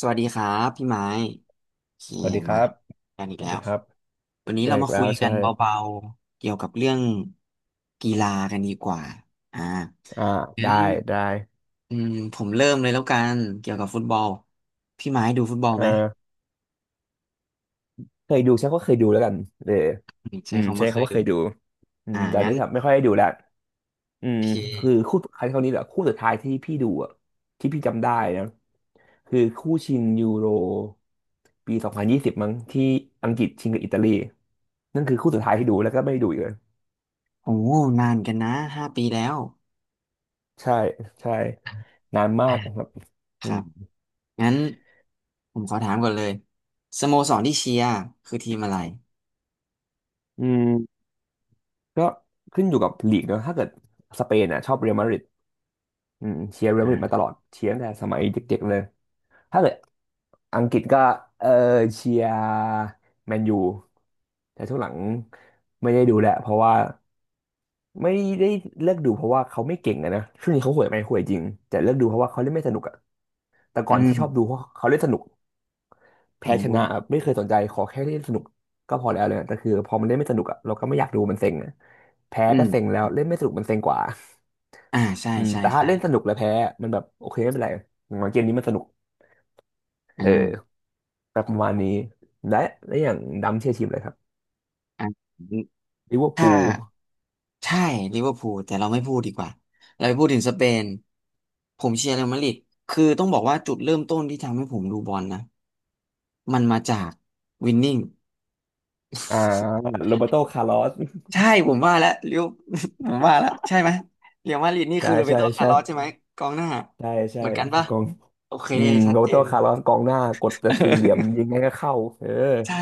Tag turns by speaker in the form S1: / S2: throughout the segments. S1: สวัสดีครับพี่ไม้โอเค
S2: สวัสดีค
S1: มา
S2: รับ
S1: กันอี
S2: ส
S1: ก
S2: วัส
S1: แล้
S2: ดี
S1: ว
S2: ครับ
S1: วันนี้
S2: เจอ
S1: เรา
S2: อี
S1: มา
S2: กแล้
S1: คุย
S2: ว
S1: กัน
S2: ใช่
S1: เบาๆเกี่ยวกับเรื่องกีฬากันดีกว่าอ่า
S2: อ่า
S1: งั้
S2: ได้
S1: น
S2: ได้
S1: อืมผมเริ่มเลยแล้วกันเกี่ยวกับฟุตบอลพี่ไม้ดูฟุตบอล
S2: เออ
S1: ไหม
S2: เคยดูใช่ก็เคยดูแล้วกันเออ
S1: อืม
S2: อื
S1: ใช่
S2: ม
S1: คำ
S2: ใช่
S1: ว่าเค
S2: เขา
S1: ย
S2: ว่า
S1: ดู
S2: เคยดูอื
S1: อ่า
S2: มแต่อัน
S1: งั้
S2: นี้
S1: น
S2: ครับไม่ค่อยได้ดูแล้วอื
S1: โอ
S2: ม
S1: เค
S2: คือคู่ครั้งนี้แหละคู่สุดท้ายที่พี่ดูอ่ะที่พี่จำได้นะคือคู่ชิงยูโรปี2020มั้งที่อังกฤษชิงกับอิตาลีนั่นคือคู่สุดท้ายที่ดูแล้วก็ไม่ดูอีกเลย
S1: โอ้นานกันนะ5 ปีแล้ว
S2: ใช่ใช่นานมา
S1: อ่ะ
S2: กครับ
S1: ค
S2: อื
S1: รั
S2: ม
S1: บงั้นผมขอถามก่อนเลยสโมสรที่เชียร์คือทีมอะไร
S2: อืม ก็ขึ้นอยู่กับลีกเนอะถ้าเกิดสเปนอ่ะชอบเรอัลมาดริดอืมเชียร์เรอัลมาดริดมาต
S1: อ่า
S2: ลอดเชียร์ตั้งแต่สมัยเด็กๆเลยถ้าเกิดอังกฤษก็เออเชียร์แมนยูแต่ช่วงหลังไม่ได้ดูแหละเพราะว่าไม่ได้เลิกดูเพราะว่าเขาไม่เก่งอะนะช่วงนี้เขาห่วยไหมห่วยจริงแต่เลิกดูเพราะว่าเขาเล่นไม่สนุกอะแต่
S1: อื
S2: ก่อนที่ชอบดู
S1: ม
S2: เพราะเขาเล่นสนุก
S1: อื
S2: แพ้ชนะ
S1: ม
S2: อะไม่เคยสนใจขอแค่เล่นสนุกก็พอแล้วเลยแต่คือพอมันเล่นไม่สนุกอะเราก็ไม่อยากดูมันเซ็งอะแพ้
S1: อื
S2: ก็
S1: ม
S2: เซ็งแล้วเล่นไม่สนุกมันเซ็งกว่า
S1: อ่าใช่
S2: อืม
S1: ใช่
S2: แต่ถ้า
S1: ใช่
S2: เล่นสนุกแล้วแพ้ มันแบบโอเคไม่เป็นไรอย่างน้อยเกมนี้มันสนุกเออ
S1: อ่า
S2: แบบประมาณนี้ และและอย่างดำเชียร์ทีมอะไรครับ
S1: อ่า
S2: ลิเวอร์
S1: ถ้า
S2: พูล
S1: ใช่ลิเวอร์พูลแต่เราไม่พูดดีกว่าเราไปพูดถึงสเปนผมเชียร์เรอัลมาดริดคือต้องบอกว่าจุดเริ่มต้นที่ทำให้ผมดูบอลนะมันมาจากวินนิ่ง
S2: อ่าโรเบร์โตคาร์ลอส
S1: ใช่ผมว่าแล้วเรียว ผมว่าแล้วใช่ไหมเรียวมาดริดนี่
S2: ใช่
S1: คือโรเบร์
S2: ใช่
S1: โตคา
S2: ใช่
S1: ร์ลอสใช่ไหมกองหน้า
S2: ใช่ใช่
S1: เหมือนกันปะ
S2: กอง
S1: โอเค
S2: อืม
S1: ชัด
S2: โรเบ
S1: เจ
S2: ร์โต
S1: น
S2: คาร์ลอสกองหน้ากดแต่สี่เหลี่ยม ยิงไงก็เข้าเออ
S1: ใช่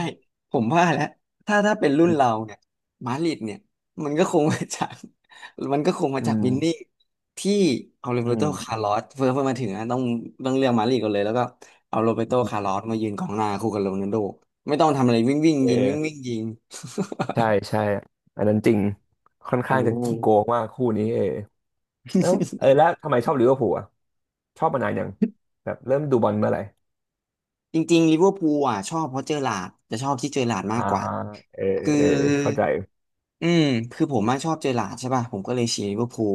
S1: ผมว่าแล้วถ้าเป็นรุ่
S2: อื
S1: นเรา
S2: ม
S1: เนี่ยมาดริดเนี่ยมันก็คงมาจาก มันก็คงมา
S2: อื
S1: จาก
S2: ม
S1: วินนี่ที่เอาโร
S2: อื
S1: เบโตคา
S2: ม
S1: ร์ลอสเพิ่มาถึงนะต้องเรียกมาดริดก่อนเลยแล้วก็เอาโรเบโตคาร์ลอสมายืนกองหน้าคู่กับโรนัลโดไม่ต้องทำอะไรวิ่งวิ่ง
S2: เอ
S1: ยิงวิ่
S2: อ
S1: งวิ่งยิง
S2: ใช่ใช่อันนั้นจริง ค่อน
S1: อื
S2: ข้างจะ
S1: ม
S2: ขี้โกงมากคู่นี้เออแล้วเออแล้วทำไมชอบลิเวอร์พูลอ่ะ ชอบมานานยังแบบเริ่มดูบอลเมื่อไหร่
S1: จริงๆลิเวอร์พูลอ่ะชอบเพราะเจอหลาร์ดจะชอบที่เจอหลาร์ดมา
S2: อ่า
S1: กกว่า
S2: เออ
S1: คือ
S2: เออเข้าใจ
S1: อืมคือผมมาชอบเจอหลาร์ดใช่ป่ะผมก็เลยเชียร์ลิเวอร์พูล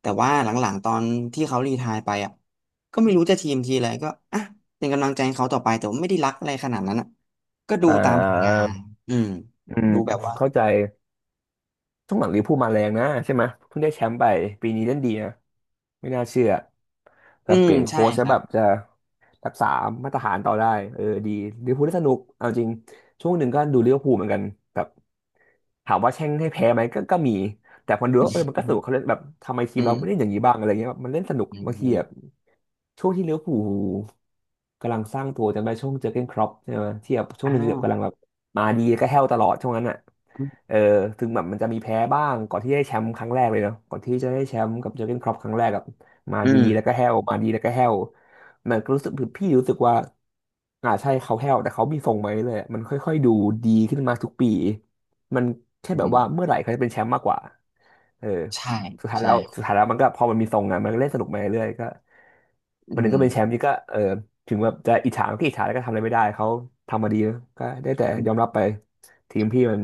S1: แต่ว่าหลังๆตอนที่เขารีไทร์ไปอ่ะก็ไม่รู้จะทีมทีอะไรก็อ่ะเป็นกำลังใจให้เขาต่อไปแต่ว่าไม่ได้รักอะไรขนาดนั้นอะ
S2: อ่
S1: ทำผลงา
S2: า
S1: นอืม
S2: อืม
S1: ดูแบบว่า
S2: เข้าใจช่วงหลังลิเวอร์พูลมาแรงนะใช่ไหมเพิ่งได้แชมป์ไปปีนี้เล่นดีนะไม่น่าเชื่อแบ
S1: อืม
S2: เปลี่ยน
S1: ใช่
S2: โค้ช
S1: ค
S2: แล้ว
S1: รั
S2: แบ
S1: บ
S2: บจะรักษามาตรฐานต่อได้เออดีลิเวอร์พูลได้สนุกเอาจริงช่วงหนึ่งก็ดูลิเวอร์พูลเหมือนกันแบบถามว่าแช่งให้แพ้ไหมก็ก็มีแต่พอดูแล้วเออมันก็สนุ
S1: อื
S2: กเขาเล่นแบบทำไมที
S1: อื
S2: มเราไม่เล่น
S1: ม
S2: อย่างนี้บ้างอะไรเงี้ยแบบมันเล่นสนุก
S1: อืม
S2: บาง
S1: อื
S2: ที
S1: ม
S2: อะ ช่วงที่ลิเวอร์พูลกำลังสร้างตัวจำได้ช่วงเจอร์เก้นคล็อปใช่ไหมที่แบบช่วง
S1: อ้า
S2: หนึ่งแบ
S1: ว
S2: บกำลังแบบมาดีก็แห้วตลอดช่วงนั้นอ่ะเออถึงแบบมันจะมีแพ้บ้างก่อนที่ได้แชมป์ครั้งแรกเลยเนาะก่อนที่จะได้แชมป์กับเจอร์เก้นคล็อปครั้งแรกกับมา
S1: อื
S2: ดี
S1: ม
S2: แล้วก็แห้วมาดีแล้วก็แห้วมันก็รู้สึกพี่รู้สึกว่าอ่าใช่เขาแห้วแต่เขามีทรงไหมาเลยๆมันค่อยๆดูดีขึ้นมาทุกปีมันแค่
S1: อื
S2: แบบ
S1: ม
S2: ว่าเมื่อไหร่เขาจะเป็นแชมป์มากกว่าเออ
S1: ใช่
S2: สุดท้ายแล้
S1: ใช่
S2: วสุดท้ายแล้วมันก็พอมันมีทรงอ่ะมันก็เล่นสนุกมาเรื่อยๆก็ วั
S1: อื
S2: นหนึ่ง
S1: ม
S2: ก็เป็นแชมป์นี่ก็เออถึงแบบจะอิจฉาก็อิจฉาแล้วก็ทำอะไรไม่ได้เขาทำมาดีนะก็ได้แต่ยอมรับไปทีมพี่มัน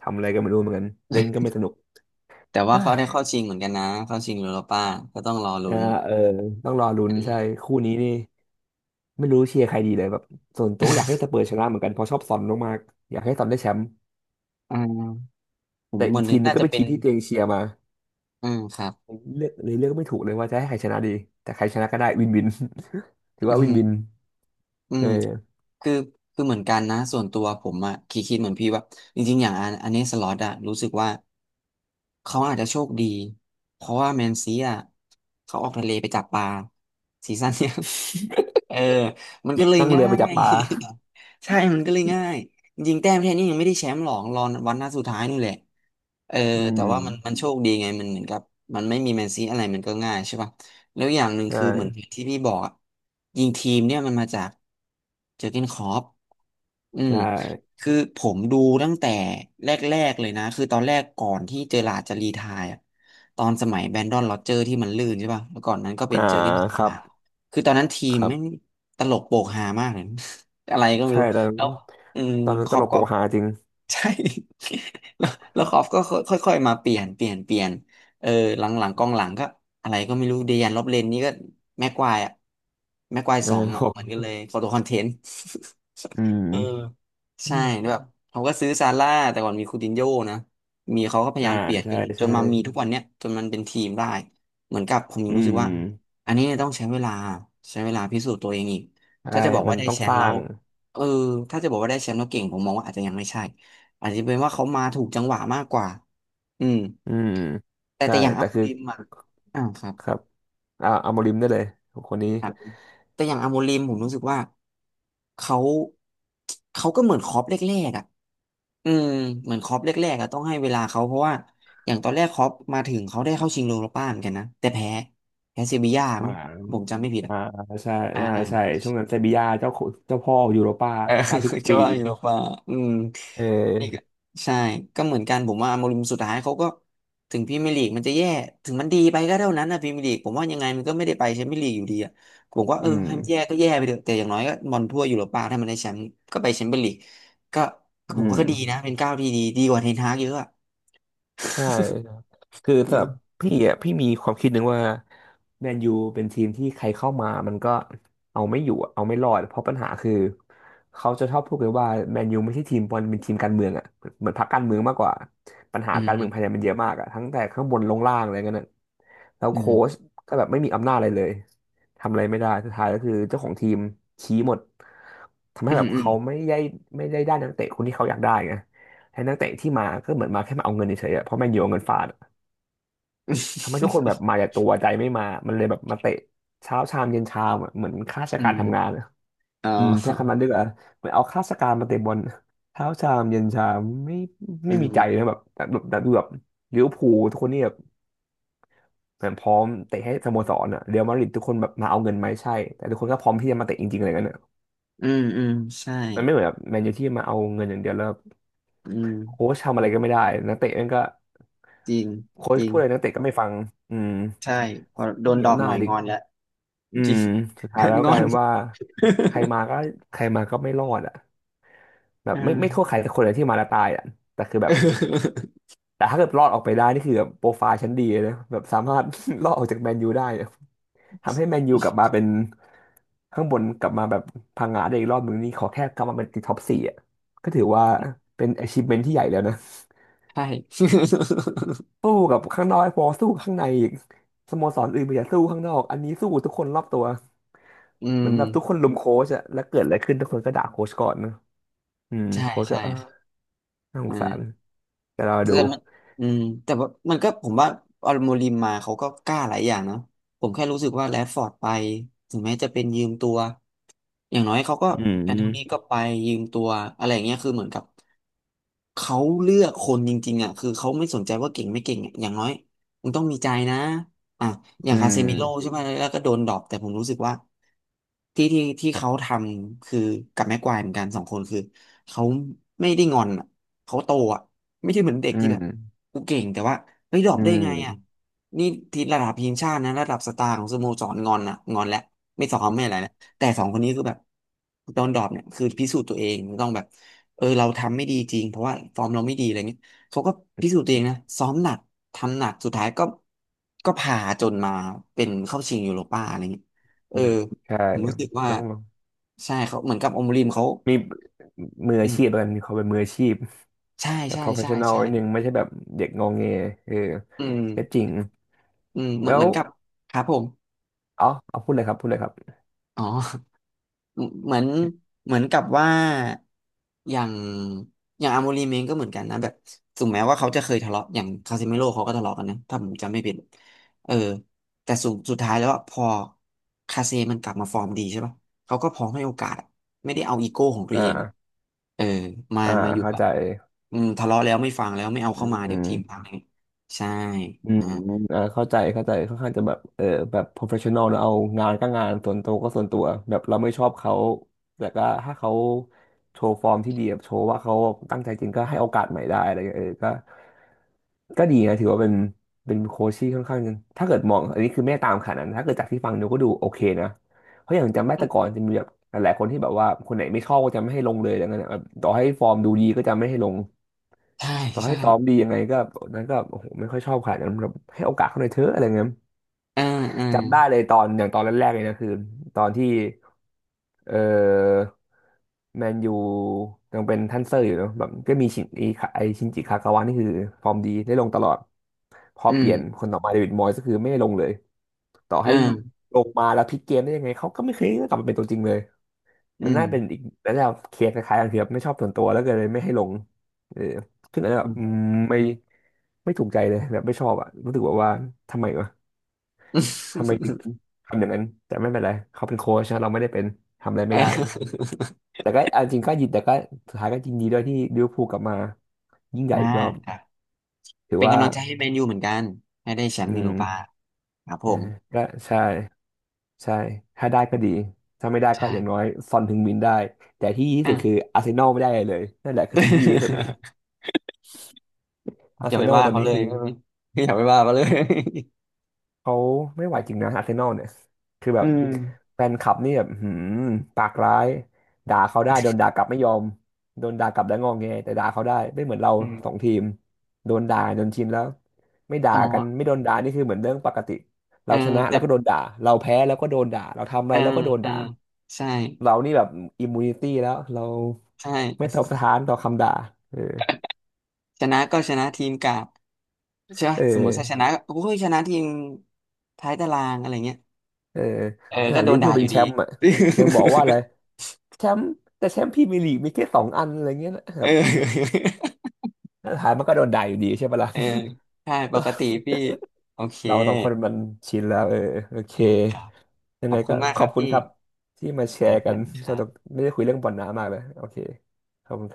S2: ทำอะไรก็ไม่รู้เหมือนกันเล่นก็ไม่สนุก
S1: แต่ว่า
S2: เฮ้
S1: เขาได้
S2: ย
S1: เข้าชิงเหมือนกันนะเข้าชิงยูโรป้าก็ต้องรอ
S2: เอ
S1: ลุ้
S2: อ
S1: น
S2: เออต้องรอลุ้นใช่คู่นี้นี่ไม่รู้เชียร์ใครดีเลยแบบส่วนตัวก็อยากให้สเปอร์ชนะเหมือนกันเพราะชอบซอนมากๆอยากให้ซอนได้แชมป์
S1: อ่าผม
S2: แต่
S1: เหมื
S2: อี
S1: อ
S2: ก
S1: นนึ
S2: ทีม
S1: ก
S2: นัน
S1: น่า
S2: ก็
S1: จะ
S2: เป็น
S1: เป็
S2: ที
S1: น
S2: มที่ตัวเองเชียร์มา
S1: อืมครับ
S2: เลือกเลยเลือกไม่ถูกเลยว่าจะให้ใครชนะดีแต่ใครชนะก็ได้วินวิน ถือ
S1: อื
S2: ว่าวิน
S1: ม
S2: วิน
S1: อืม
S2: เออ
S1: คือคือเหมือนกันนะส่วนตัวผมอะคิดเหมือนพี่ว่าจริงๆอย่างอันเนสล็อตอะรู้สึกว่าเขาอาจจะโชคดีเพราะว่าแมนซีอะเขาออกทะเลไปจับปลาซีซั่นเนี้ยเออมัน
S2: จริ
S1: ก็
S2: ง
S1: เลย
S2: นั่งเรื
S1: ง่า
S2: อไปจับ
S1: ย
S2: ปลา
S1: ใช่มันก็เลยง่ายจริงๆแต้มแค่นี้ยังไม่ได้แชมป์หรอกรอวันหน้าสุดท้ายนู่นแหละ เออ
S2: อื
S1: แต่
S2: ม
S1: ว่ามันมันโชคดีไงมันเหมือนกับมันไม่มีแมนซีอะไรมันก็ง่ายใช่ป่ะแล้วอย่างหนึ่ง
S2: ใช่
S1: คือเหมือนที่พี่บอกอะยิงทีมเนี่ยมันมาจากเจอร์เก้นคล็อปอืม
S2: ใช่
S1: คือผมดูตั้งแต่แรกๆเลยนะคือตอนแรกก่อนที่เจอร์ราร์ดจะรีไทร์อะตอนสมัยแบรนดอนโรเจอร์ที่มันลื่นใช่ป่ะแล้วก่อนนั้นก็เป็น
S2: อ่า
S1: เจอร์เก้นคล็อ
S2: ค
S1: ป
S2: รับ
S1: มาคือตอนนั้นทีม
S2: ครั
S1: แม่ง
S2: บ
S1: ตลกโปกฮามากเลย อะไรก็ไม่
S2: ใช่
S1: รู้
S2: ตอนนั้น
S1: แล้วอืม
S2: ตอนนั้
S1: ค
S2: นต
S1: ล็อป
S2: ลก
S1: ก็
S2: โปกฮาจริง
S1: ใช่ แล้วแล้วคอฟก็ค่อยๆมาเปลี่ยนเปลี่ยนเปลี่ยน เออหลังๆกองหลังก็อะไรก็ไม่รู้เดยันลอบเลนนี่ก็แม็กควายอะแม็กควาย
S2: เออ
S1: สองอะ เหมือนกันเลยโฟโตคอนเทนต์
S2: อืม
S1: เออ
S2: อื
S1: ใช่
S2: ม
S1: แล้วแบบเขาก็ซื้อซาร่าแต่ก่อนมีคูตินโญ่นะมีเขาก็พยา
S2: อ่า
S1: ยามเปลี่ยนจ
S2: ใช่
S1: นจ
S2: ใช่
S1: นมามีทุกวันเนี้ยจนมันเป็นทีมได้เหมือนกับผมยั
S2: อื
S1: งรู้สึก
S2: ม
S1: ว่าอันนี้ต้องใช้เวลาใช้เวลาพิสูจน์ตัวเองอีก
S2: ใช่
S1: ถ้าจะบอก
S2: มั
S1: ว่า
S2: น
S1: ได้
S2: ต้อง
S1: แช
S2: ส
S1: มป์
S2: ร้า
S1: แล้ว
S2: ง
S1: เออถ้าจะบอกว่าได้แชมป์แล้วเก่งผมมองว่าอาจจะยังไม่ใช่อาจจะเป็นว่าเขามาถูกจังหวะมากกว่าอืม
S2: อืม
S1: แต่
S2: ใช่
S1: แต่อย่าง
S2: แต่
S1: อาม
S2: คือ
S1: ลิมอ่ะอ่าครับ
S2: ครับอ่าอาโมริมได้เลยคนนี้
S1: ครับแต่อย่างอาโมริมผมรู้สึกว่าเขาเขาก็เหมือนคล็อปแรกๆอ่ะ อืมเหมือนคล็อปแรกๆอะต้องให้เวลาเขาเพราะว่าอย่างตอนแรกคล็อปมาถึงเขาได้เข้าชิงโยโรป้าเหมือนกันนะแต่แพ้เซบีย่า
S2: อ่า
S1: มั้งผมจำไม่ผิดอะ
S2: อ่าใช่
S1: อ่า
S2: น่า
S1: เออ
S2: ใช่ช่วงนั้นเซบีย่าเจ้าขุเจ้าพ่อยูโรป้าได้ทุก
S1: ช
S2: ปี
S1: ว่าอยู่โรป่าอืม
S2: เอ
S1: นี่ก็
S2: อ
S1: ใช่ก็เหมือนกันผมว่าโมริมสุดท้ายเขาก็ถึงพรีเมียร์ลีกมันจะแย่ถึงมันดีไปก็เท่านั้นนะพรีเมียร์ลีกผมว่ายังไงมันก็ไม่ได้ไปแชมเปี้ยนลีกอยู่ดีอะผมก็เอ
S2: อื
S1: อ
S2: ม
S1: ให้มันแย่ก็แย่ไปเถอะแต่อย่างน้อยก็บอลทั่วยุโรป้าถ้ามันได้แชมป์ก็ไปแชมเปี้ยนลีกก็ผ
S2: อื
S1: มว่า
S2: ม
S1: ก็ดีนะเป็นก้าวที่ดีดีกว่าเทนฮากเยอะอะ
S2: ใช่ครับคือ
S1: อื
S2: สำหรับ
S1: ม
S2: พี่อ่ะพี่มีความคิดหนึ่งว่าแมนยูเป็นทีมที่ใครเข้ามามันก็เอาไม่อยู่อะเอาไม่รอดเพราะปัญหาคือเขาจะชอบพูดกันว่าแมนยูไม่ใช่ทีมบอลเป็นทีมการเมืองอ่ะเหมือนพรรคการเมืองมากกว่าปัญหา
S1: อื
S2: การเมืองภายใน
S1: ม
S2: มันเยอะมากอ่ะทั้งแต่ข้างบนลงล่างอะไรเงี้ยน่ะแล้ว
S1: อื
S2: โค้ช
S1: ม
S2: ก็แบบไม่มีอำนาจอะไรเลยทำอะไรไม่ได้สุดท้ายก็คือเจ้าของทีมชี้หมดทำให้
S1: อื
S2: แบ
S1: ม
S2: บ
S1: อืม
S2: เขาไม่ได้ได้นักเตะคนที่เขาอยากได้ไง ให้นักเตะที่มาก็เหมือนมาแค่มาเอาเงินเฉยๆอะเพราะแมนยูเอาเงินฟาดอะทำให้ทุกคนแบบมาแต่ตัวใจไม่มามันเลยแบบมาเตะเช้าชามเย็นชามอะเหมือนข้าราช
S1: อื
S2: กา
S1: ม
S2: ร
S1: อม
S2: ทำงานอะ
S1: อ๋อ
S2: อืมใช้คำนั้นดีกว่าเหมือนเอาข้าราชการมาเตะบอลเช้าชามเย็นชามไม่
S1: อื
S2: ไม่มีใจ
S1: ม
S2: นะแบบแต่แบบแต่ดูแบบลิเวอร์พูลทุกคนนี่แบบเหมือนพร้อมเตะให้สโมสรอะเรอัลมาดริดทุกคนแบบมาเอาเงินไหมใช่แต่ทุกคนก็พร้อมที่จะมาเตะจริงๆอะไรเงี้ยนอะ
S1: อืมอืมใช่
S2: มันไม่เหมือนแบบแมนยูที่มาเอาเงินอย่างเดียวแล้ว
S1: อืม
S2: โค้ชทำอะไรก็ไม่ได้นักเตะนั่นก็
S1: จริง
S2: โค้
S1: จ
S2: ช
S1: ริง
S2: พูดอะไรนักเตะก็ไม่ฟังอืม
S1: ใช่พอ
S2: โค้ช
S1: โด
S2: ไม่
S1: น
S2: มี
S1: ดอก
S2: อำ
S1: ห
S2: นา
S1: น่อ
S2: จ
S1: ย
S2: อี
S1: ง
S2: ก
S1: อนแล้ว
S2: อื
S1: จริ
S2: ม
S1: ง
S2: สุด
S1: โด
S2: ท้าย
S1: น
S2: แล้ว
S1: ง
S2: ก
S1: อ
S2: ลาย
S1: น
S2: เป็นว่าใครมาก็ ใครมาก็ไม่รอดอ่ะแบบ
S1: อ่า
S2: ไม่โทษใครแต่คนเลยที่มาแล้วตายอ่ะแต่คือแบบ แต่ถ้าเกิดรอดออกไปได้นี่คือแบบโปรไฟล์ชั้นดีเลยนะแบบสามารถ รอดออกจากแมนยูได้อะทำให้แมนยูกลับมาเป็นข้างบนกลับมาแบบพังงาได้อีกรอบหนึ่งนี่ขอแค่กลับมาเป็นติดท็อปสี่อ่ะก็ถือว่าเป็น achievement ที่ใหญ่แล้วนะ
S1: ใช่
S2: สู้กับข้างนอกให้พอสู้ข้างในอีกสโมสรอื่นมีแต่าสู้ข้างนอกอันนี้สู้ทุกคนรอบตัว
S1: อื
S2: เหมือ
S1: ม
S2: นแบบทุกคนลุมโค้ชอะแล้วเกิดอะไรขึ้นทุกคนก็ด่าโค้ชก่อนนะอืม
S1: ใช่
S2: โค้ชก็
S1: ใช่
S2: เออน่าสงสาร
S1: อ่า
S2: แต่เรา
S1: แต่
S2: ดู
S1: มันอืมแต่ว่ามันก็ผมว่าอลโมริมมาเขาก็กล้าหลายอย่างเนาะผมแค่รู้สึกว่าแรชฟอร์ดไปถึงแม้จะเป็นยืมตัวอย่างน้อยเขาก็
S2: อื
S1: แอนโทนี
S2: ม
S1: ก็ไปยืมตัวอะไรอย่างเงี้ยคือเหมือนกับเขาเลือกคนจริงๆอ่ะคือเขาไม่สนใจว่าเก่งไม่เก่งอะอย่างน้อยมึงต้องมีใจนะอ่ะอย่า
S2: อื
S1: งคาเซมิโร่ใช่
S2: ม
S1: ไหมแล้วก็โดนดรอปแต่ผมรู้สึกว่าที่เขาทำคือกับแม็กควายเหมือนกันสองคนคือเขาไม่ได้งอนอ่ะเขาโตอ่ะ ไม่ใช่เหมือนเด็ก
S2: อื
S1: ที่แบบ
S2: ม
S1: กูเก่งแต่ว่าเฮ้ยดรอป
S2: อื
S1: ได้
S2: ม
S1: ไงอ่ะนี่ทีระดับทีมชาตินะระดับสตาร์ของสโมสรงอนนะงอนแล้วไม่สอนไม่อะไรแล้วแต่สองคนนี้คือแบบตอนดรอปเนี่ยคือพิสูจน์ตัวเองต้องแบบเออเราทำไม่ดีจริงเพราะว่าฟอร์มเราไม่ดีอะไรเงี้ยเขาก็พิสูจน์ตัวเองนะซ้อมหนักทำหนักสุดท้ายก็พาจนมาเป็นเข้าชิงยูโรป้าอะไรเงี้ยเอ
S2: อื
S1: อ
S2: มใช่
S1: ผมรู้สึกว่า
S2: ต้อง
S1: ใช่เขาเหมือนกับอมริมเขา
S2: มีมือ
S1: อื
S2: อา
S1: ม
S2: ชีพแล้วกันมีความเป็นมืออาชีพ
S1: ใช่
S2: แต่
S1: ใช่ใช่
S2: professional
S1: ใช่
S2: นิดนึงไม่ใช่แบบเด็กงองแงเออ
S1: อืม
S2: ก็จริง
S1: อืมเหมือน
S2: แล้
S1: เห
S2: ว
S1: มือนกับครับผม
S2: อ๋อเอาพูดเลยครับพูดเลยครับ
S1: อ๋อเหมือนเหมือนกับว่าอย่างอย่างอาโมรีเมงก็เหมือนกันนะแบบถึงแม้ว่าเขาจะเคยทะเลาะอย่างคาซิเมโร่เขาก็ทะเลาะกันนะถ้าผมจำไม่ผิดเออแต่สุดท้ายแล้วอะพอคาเซมันกลับมาฟอร์มดีใช่ป่ะเขาก็พร้อมให้โอกาสอะไม่ได้เอาอีโก้ของตั
S2: อ
S1: วเองอะ
S2: ่า
S1: เออมา
S2: อ่า
S1: มาอยู่
S2: เข้า
S1: แบบ
S2: ใจ
S1: อืมทะเลาะแล้วไม่ฟังแล้วไม่เอาเข้ามา
S2: อื
S1: เดี๋ยว
S2: ม
S1: ทีมพังเองใช่
S2: อืม
S1: อ่า
S2: อ่าเข้าใจเข้าใจค่อนข้างจะแบบเออแบบ professional นะเอางานก็งานส่วนตัวก็ส่วนตัวแบบเราไม่ชอบเขาแต่ก็ถ้าเขาโชว์ฟอร์มที่ดีแบบโชว์ว่าเขาตั้งใจจริงก็ให้โอกาสใหม่ได้อะไรเงี้ยเออก็ดีนะถือว่าเป็นเป็นโค้ชที่ค่อนข้างถ้าเกิดมองอันนี้คือไม่ได้ตามขนาดนั้นถ้าเกิดจากที่ฟังดูก็ดูโอเคนะเพราะอย่างจำได้แต่ก่อนจะมีแบบหลายๆคนที่แบบว่าคนไหนไม่ชอบก็จะไม่ให้ลงเลยอะไรเงี้ยนะแบบต่อให้ฟอร์มดูดีก็จะไม่ให้ลง
S1: ใช่
S2: ต่อให้
S1: ใช่
S2: ซ้อมดียังไงก็นั้นก็โอ้โหไม่ค่อยชอบขนาดนั้นแบบให้โอกาสเขาหน่อยเถอะอะไรเงี้ย
S1: อ่าอ่า
S2: จำได้เลยตอนอย่างตอนแรกๆเลยนะคือตอนที่เออแมนยูยังเป็นท่านเซอร์อยู่เนอะแบบก็มีชินอีคาไอชินจิคากาวะนี่คือฟอร์มดีได้ลงตลอดพอ
S1: อื
S2: เป
S1: ม
S2: ลี่ยนคนต่อมาเดวิดมอยส์ก็คือไม่ได้ลงเลยต่อให้
S1: อ่า
S2: ลงมาแล้วพลิกเกมได้ยังไงเขาก็ไม่เคยกลับมาเป็นตัวจริงเลย
S1: อื
S2: มัน
S1: ม
S2: น่าเป็นอีกแล้วเราเคลียร์คล้ายๆกันคือแบบไม่ชอบส่วนตัวแล้วก็เลยไม่ให้ลงเออขึงอันแ้น แบ
S1: อื
S2: บอื
S1: ม
S2: มไม่ไม่ถูกใจเลยแบบไม่ชอบอ่ะรู้สึกแบบว่าทำไมวะทำไมถึงทำอย่างนั้นแต่ไม่เป็นไรเขาเป็นโค้ชนะเราไม่ได้เป็นทำอะไรไม่
S1: เอ
S2: ได้
S1: อ
S2: แต่ก็เอาจริงก็ยินแต่ก็สุดท้ายก็ยินดีด้วยที่ลิเวอร์พูลกลับมายิ่งใหญ่
S1: อ่า
S2: อีกรอบ
S1: ครับ
S2: ถือ
S1: เป็น
S2: ว่า
S1: กำลังใจให้แมนยูเหมือนกันให้ได้แชม
S2: อื
S1: ป์ยูโร
S2: ม
S1: ปาครับผ
S2: เออ
S1: ม
S2: ก็ใช่ใช่ถ้าได้ก็ดีถ้าไม่ได้ก็
S1: ใช่
S2: อย่างน้อยซอนถึงมินได้แต่ที่ดีที่
S1: อ่ะ
S2: สุดคืออาร์เซนอลไม่ได้อะไรเลยนั่นแหละคือสิ่งที่ดีที่สุด อา
S1: อ
S2: ร์เซ
S1: ย่าไป
S2: นอล
S1: ว่า
S2: ตอน
S1: เขา
S2: นี้
S1: เลย
S2: คือ
S1: อย่าไปว่าเขาเลย
S2: เขาไม่ไหวจริงนะอาร์เซนอลเนี่ยคือแบ
S1: อื
S2: บ
S1: ม
S2: แฟนคลับนี่แบบหืมปากร้ายด่าเขาได้โดนด่ากลับไม่ยอมโดนด่ากลับแล้วงอแงแต่ด่าเขาได้ไม่เหมือนเรา
S1: อืม
S2: สองทีมโดนด่าจนชินแล้วไม่ด่า
S1: อ๋อ
S2: กันไม่โดนด่านี่คือเหมือนเรื่องปกติ
S1: เอ
S2: เรา
S1: อ
S2: ชนะแล้
S1: แต่
S2: วก็โดนด่าเราแพ้แล้วก็โดนด่าเราทำอะ
S1: เอ
S2: ไร
S1: อ
S2: แล้วก็โดน
S1: เออ
S2: ด่า
S1: ใช่
S2: เรานี่แบบอิมมูนิตี้แล้วเรา
S1: ใช่
S2: ไม่ตอบสถานต่อคำด่าเออ
S1: ชนะก็ชนะทีมกากใช่
S2: เ
S1: ปะสมมติถ้าช
S2: ออ
S1: นะโอ้ยชนะทีมท้ายตารางอะไรเงี้ย
S2: เออ
S1: เออ
S2: ขนา
S1: ก็
S2: ด
S1: โด
S2: ลิเวอ
S1: น
S2: ร์พู
S1: ด่า
S2: ล
S1: อ
S2: เป็น
S1: ยู่
S2: แช
S1: ดี
S2: มป์อ่ะยังบอกว่าอะไร แชมป์แต่แชมป์พรีเมียร์ลีกมีแค่สองอันอะไรเงี้ยนะค
S1: เอ
S2: รับ
S1: อ
S2: สุดท้ายมันก็โดนด่าอยู่ดีใช่ปะล่ะ
S1: เออใช่ปกติพี่โอเค
S2: เราสองคนมันชินแล้วเออโอเค
S1: อืมครับ
S2: ยั
S1: ข
S2: ง
S1: อ
S2: ไง
S1: บคุ
S2: ก็
S1: ณมาก
S2: ข
S1: ค
S2: อ
S1: รั
S2: บ
S1: บ
S2: คุณ
S1: พี่
S2: ครับที่มาแช
S1: ครับ
S2: ร์
S1: ส
S2: กัน
S1: วัสดีค
S2: ส
S1: รั
S2: นุ
S1: บ
S2: กไม่ได้คุยเรื่องบอลน้ามากเลยโอเคขอบคุณครับ